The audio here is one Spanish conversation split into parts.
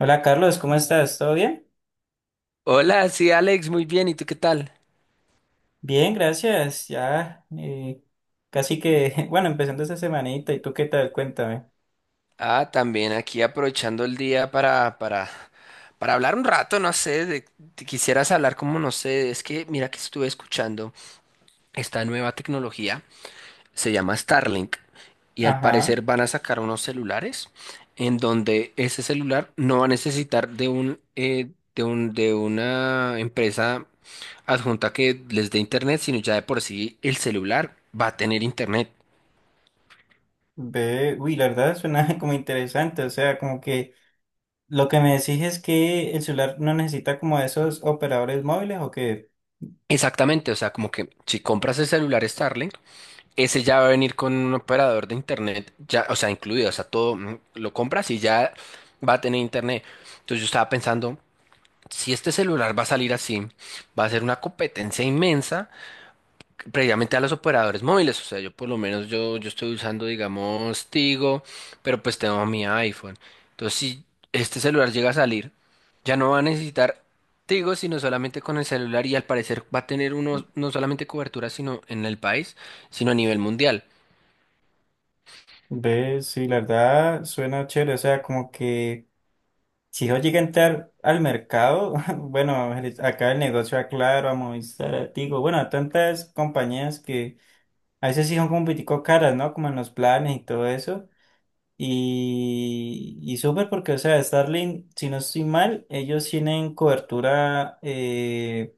Hola Carlos, ¿cómo estás? ¿Todo bien? Hola, sí, Alex, muy bien. ¿Y tú qué tal? Bien, gracias. Ya casi que, bueno, empezando esta semanita. ¿Y tú qué tal? Cuéntame. Ah, también aquí aprovechando el día para hablar un rato, no sé, te quisieras hablar como, no sé, es que mira que estuve escuchando esta nueva tecnología, se llama Starlink, y al Ajá. parecer van a sacar unos celulares en donde ese celular no va a necesitar de una empresa adjunta que les dé internet, sino ya de por sí el celular va a tener internet. Ve, uy, la verdad suena como interesante. O sea, como que lo que me decís es que el celular no necesita como esos operadores móviles o que, Exactamente, o sea, como que si compras el celular Starlink, ese ya va a venir con un operador de internet, ya, o sea, incluido, o sea, todo lo compras y ya va a tener internet. Entonces yo estaba pensando, si este celular va a salir así, va a ser una competencia inmensa previamente a los operadores móviles, o sea, yo por lo menos yo estoy usando, digamos, Tigo, pero pues tengo mi iPhone. Entonces, si este celular llega a salir, ya no va a necesitar Tigo, sino solamente con el celular y al parecer va a tener unos, no solamente cobertura, sino en el país, sino a nivel mundial. ve, sí, la verdad suena chévere. O sea, como que si yo llegué a entrar al mercado, bueno, acá el negocio a Claro, a Movistar, a Tigo, bueno, a tantas compañías que a veces sí son como un poquitico caras, ¿no? Como en los planes y todo eso. Y súper porque, o sea, Starlink, si no estoy mal, ellos tienen cobertura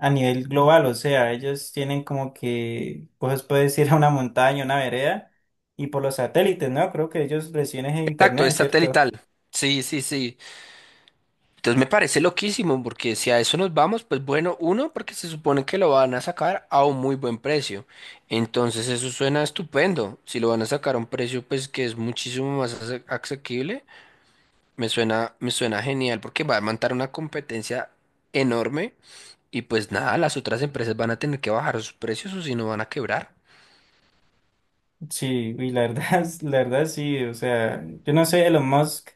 a nivel global, o sea, ellos tienen como que, pues puedes ir a una montaña, una vereda, y por los satélites, ¿no? Creo que ellos reciben ese Exacto, internet, es ¿cierto? satelital. Sí, sí, sí. Entonces me parece loquísimo, porque si a eso nos vamos, pues bueno, uno, porque se supone que lo van a sacar a un muy buen precio. Entonces eso suena estupendo. Si lo van a sacar a un precio, pues que es muchísimo más asequible, me suena genial, porque va a montar una competencia enorme y pues nada, las otras empresas van a tener que bajar sus precios o si no van a quebrar. Sí, y la verdad, la verdad sí, o sea, yo no sé, Elon Musk.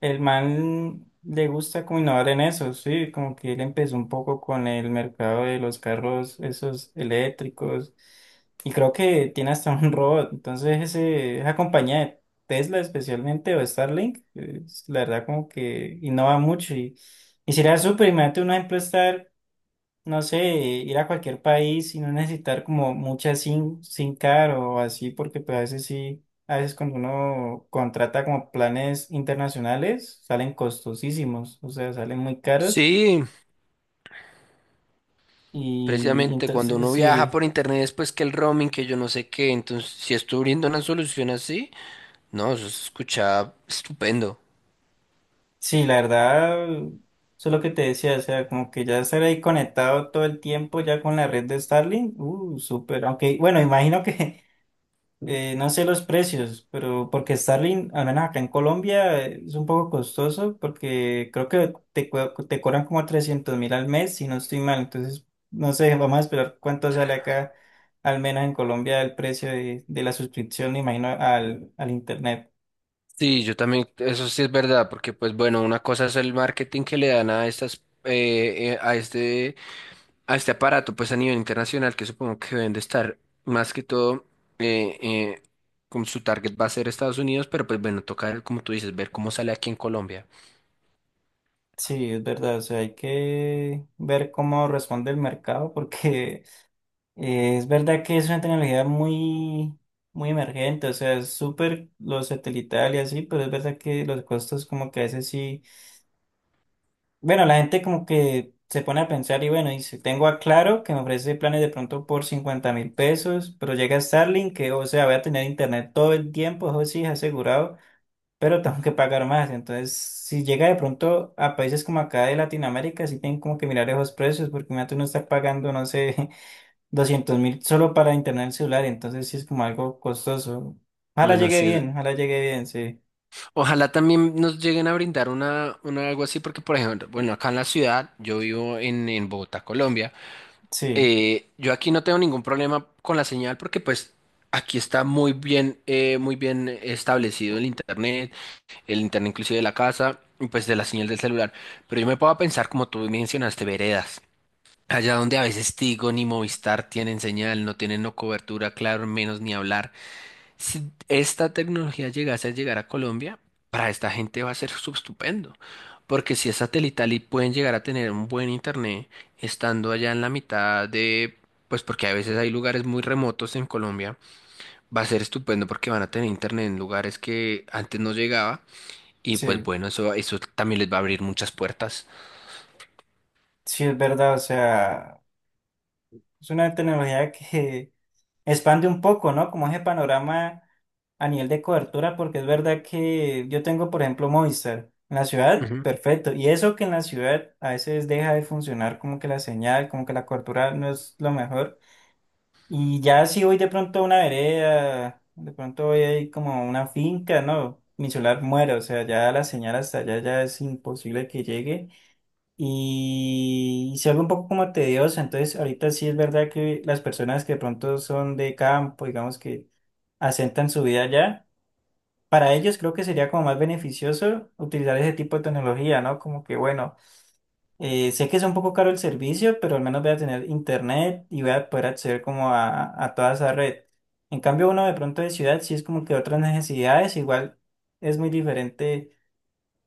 El man le gusta como innovar en eso, sí, como que él empezó un poco con el mercado de los carros, esos eléctricos, y creo que tiene hasta un robot, entonces ese, esa compañía de Tesla especialmente o Starlink, es, la verdad como que innova mucho y sería súper, imagínate uno ejemplo estar no sé, ir a cualquier país y no necesitar como mucha SIM card o así, porque pues a veces sí, a veces cuando uno contrata como planes internacionales, salen costosísimos, o sea, salen muy caros Sí, y precisamente cuando entonces uno viaja sí, por internet es pues que el roaming, que yo no sé qué, entonces si estoy abriendo una solución así. No, eso se escucha estupendo. sí, la verdad, eso es lo que te decía, o sea, como que ya estar ahí conectado todo el tiempo ya con la red de Starlink, súper, aunque bueno, imagino que no sé los precios, pero porque Starlink, al menos acá en Colombia, es un poco costoso porque creo que te cobran como 300.000 al mes, si no estoy mal. Entonces, no sé, vamos a esperar cuánto sale acá, al menos en Colombia, el precio de la suscripción, me imagino, al Internet. Sí, yo también, eso sí es verdad, porque pues bueno, una cosa es el marketing que le dan a eh, eh, a este, a este aparato, pues a nivel internacional, que supongo que deben de estar más que todo, eh, eh, con su target va a ser Estados Unidos, pero pues bueno, toca, como tú dices, ver cómo sale aquí en Colombia. Sí, es verdad, o sea, hay que ver cómo responde el mercado porque es verdad que es una tecnología muy, muy emergente, o sea, es súper lo satelital y así, pero es verdad que los costos como que a veces sí, bueno, la gente como que se pone a pensar y bueno, dice tengo a Claro que me ofrece planes de pronto por 50.000 pesos, pero llega Starlink que, o sea, voy a tener internet todo el tiempo, eso sí es asegurado, pero tengo que pagar más, entonces si llega de pronto a países como acá de Latinoamérica, sí tienen como que mirar esos precios, porque imagínate uno está pagando, no sé 200.000 solo para internet celular, entonces sí es como algo costoso. Bueno, sí es, Ojalá llegue bien, sí, ojalá también nos lleguen a brindar una, algo así, porque por ejemplo, bueno, acá en la ciudad, yo vivo en Bogotá, Colombia. sí, Yo aquí no tengo ningún problema con la señal porque pues aquí está muy bien establecido el internet, inclusive de la casa y pues de la señal del celular. Pero yo me puedo pensar, como tú mencionaste, veredas. Allá donde a veces Tigo ni Movistar tienen señal, no tienen no cobertura, claro, menos ni hablar si esta tecnología llegase a llegar a Colombia, para esta gente va a ser estupendo, porque si es satelital y pueden llegar a tener un buen internet estando allá en la mitad de, pues porque a veces hay lugares muy remotos en Colombia, va a ser estupendo porque van a tener internet en lugares que antes no llegaba y pues sí, bueno, eso también les va a abrir muchas puertas. sí es verdad, o sea, es una tecnología que expande un poco, ¿no? Como ese panorama a nivel de cobertura, porque es verdad que yo tengo, por ejemplo, Movistar en la ciudad, Ujú. perfecto, y eso que en la ciudad a veces deja de funcionar como que la señal, como que la cobertura no es lo mejor. Y ya si voy de pronto a una vereda, de pronto voy ahí como a una finca, ¿no? Mi celular muere, o sea, ya la señal hasta allá ya es imposible que llegue. Y se vuelve un poco como tediosa entonces ahorita sí es verdad que las personas que de pronto son de campo, digamos que asentan su vida allá, para ellos creo que sería como más beneficioso utilizar ese tipo de tecnología, ¿no? Como que bueno. Sé que es un poco caro el servicio, pero al menos voy a tener internet y voy a poder acceder como a toda esa red. En cambio, uno de pronto de ciudad sí es como que otras necesidades, igual es muy diferente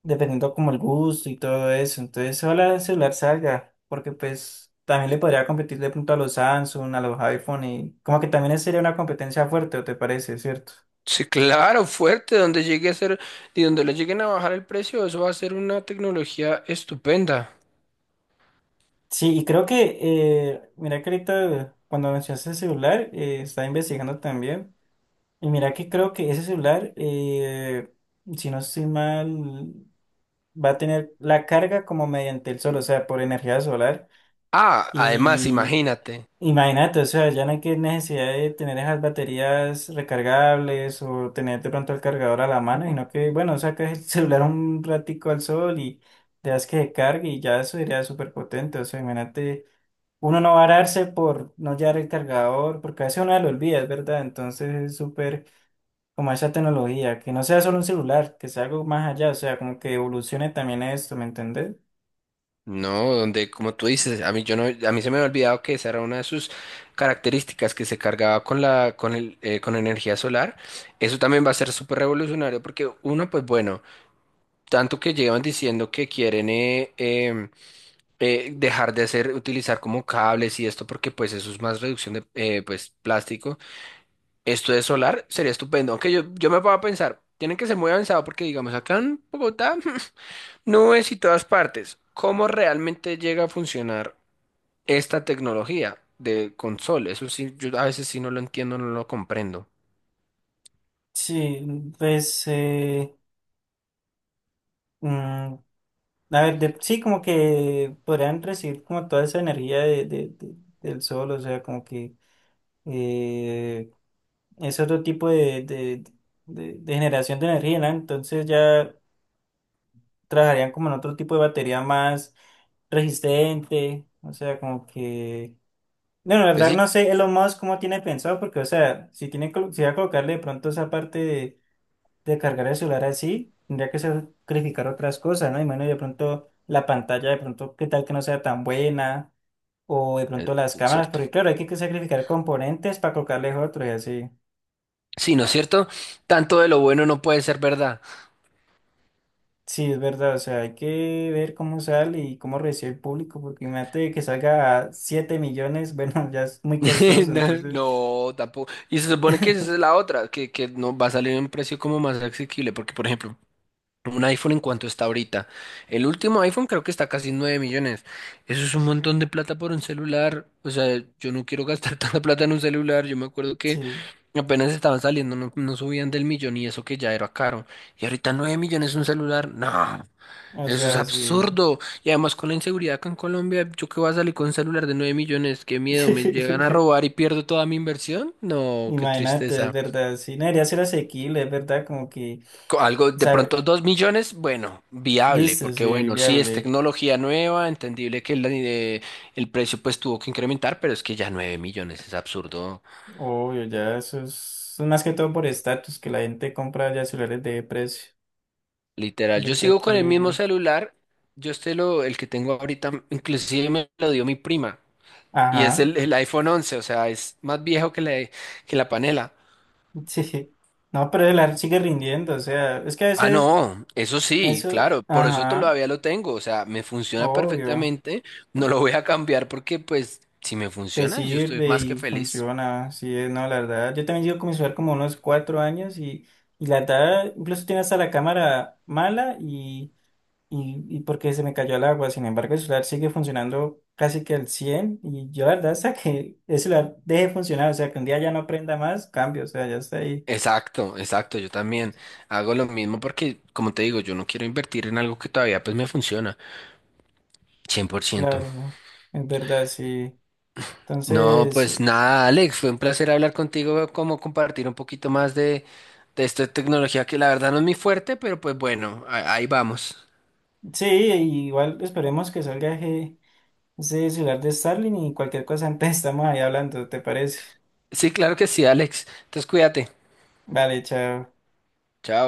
dependiendo como el gusto y todo eso. Entonces, ojalá el celular salga, porque pues también le podría competir de pronto a los Samsung, a los iPhone y como que también sería una competencia fuerte, ¿o te parece, cierto? Sí, claro, fuerte, donde llegue a ser y donde le lleguen a bajar el precio, eso va a ser una tecnología estupenda. Sí, y creo que, mira que ahorita cuando mencionaste el celular, estaba investigando también. Y mira que creo que ese celular, si no estoy mal, va a tener la carga como mediante el sol, o sea, por energía solar. Ah, además, Y imagínate, imagínate, o sea, ya no hay que necesidad de tener esas baterías recargables o tener de pronto el cargador a la mano, sino que, bueno, sacas el celular un ratico al sol y dejas que se cargue y ya eso sería súper potente, o sea, imagínate. Uno no va a darse por no llevar el cargador, porque a veces uno lo olvida, es verdad. Entonces es súper como a esa tecnología, que no sea solo un celular, que sea algo más allá, o sea, como que evolucione también esto, ¿me entendés? ¿no? Donde, como tú dices, a mí yo no, a mí se me había olvidado que esa era una de sus características que se cargaba con la, con el, con energía solar. Eso también va a ser súper revolucionario porque uno, pues bueno, tanto que llevan diciendo que quieren utilizar como cables y esto porque pues eso es más reducción de plástico. Esto de solar sería estupendo, aunque yo me puedo pensar. Tienen que ser muy avanzado porque, digamos, acá en Bogotá Nubes y todas partes. ¿Cómo realmente llega a funcionar esta tecnología de console? Eso sí, yo a veces sí no lo entiendo, no lo comprendo. Sí, pues, mm, a ver, sí, como que podrían recibir como toda esa energía del sol, o sea, como que eh, es otro tipo de generación de energía, ¿no? Entonces ya trabajarían como en otro tipo de batería más resistente, o sea, como que... No, la Pues verdad sí, no sé Elon Musk cómo tiene pensado, porque, o sea, si va a colocarle de pronto esa parte de cargar el celular así, tendría que sacrificar otras cosas, ¿no? Y bueno, de pronto la pantalla, de pronto, qué tal que no sea tan buena, o de eh, pronto las cámaras, cierto. porque claro, hay que sacrificar componentes para colocarles otros y así. Sí, ¿no es cierto? Tanto de lo bueno no puede ser verdad. Sí, es verdad, o sea, hay que ver cómo sale y cómo recibe el público, porque imagínate que salga a 7 millones, bueno, ya es muy costoso, entonces, No, no, tampoco. Y se supone que esa es la otra, que no va a salir en un precio como más asequible, porque por ejemplo, un iPhone en cuanto está ahorita. El último iPhone creo que está casi 9 millones. Eso es un montón de plata por un celular. O sea, yo no quiero gastar tanta plata en un celular. Yo me acuerdo que sí, apenas estaban saliendo, no, no subían del millón y eso que ya era caro. Y ahorita 9 millones un celular. No, o eso es sea, sí. absurdo. Y además con la inseguridad acá en Colombia, ¿yo qué voy a salir con un celular de 9 millones? Qué miedo, me llegan a robar y pierdo toda mi inversión. No, qué Imagínate, es tristeza. verdad, sí, no debería ser asequible, es verdad, como que, Algo o de sea, pronto 2 millones, bueno, viable, listo, porque sí, bueno, sí es viable, tecnología nueva, entendible que el precio pues tuvo que incrementar, pero es que ya 9 millones es absurdo, obvio, ya eso es más que todo por estatus, que la gente compra ya celulares de precio, literal. Yo verdad sigo con el mismo que, celular, yo este el que tengo ahorita, inclusive me lo dio mi prima, y es ajá, el iPhone 11, o sea, es más viejo que que la panela. sí, no, pero el ar sigue rindiendo, o sea, es que a Ah, veces no, eso sí, eso, claro, por eso ajá, todavía lo tengo, o sea, me funciona obvio, perfectamente, no lo voy a cambiar porque pues si me te funciona, yo estoy sirve más que y feliz. funciona, sí, es, no, la verdad, yo también llevo con mi celular como unos 4 años y la verdad, incluso tiene hasta la cámara mala y porque se me cayó el agua. Sin embargo, el celular sigue funcionando casi que al 100 y yo la verdad hasta que el celular deje de funcionar, o sea, que un día ya no prenda más, cambio, o sea, ya está ahí. Exacto, exacto, yo también hago lo mismo porque, como te digo, yo no quiero invertir en algo que todavía pues me funciona. 100%. Claro, ¿no? Es verdad, sí. No, Entonces, pues nada, Alex, fue un placer hablar contigo, como compartir un poquito más de esta tecnología que la verdad no es mi fuerte, pero pues bueno, ahí vamos. sí, igual esperemos que salga ese celular de Starling y cualquier cosa, antes estamos ahí hablando, ¿te parece? Sí, claro que sí, Alex, entonces cuídate, Vale, chao. chao.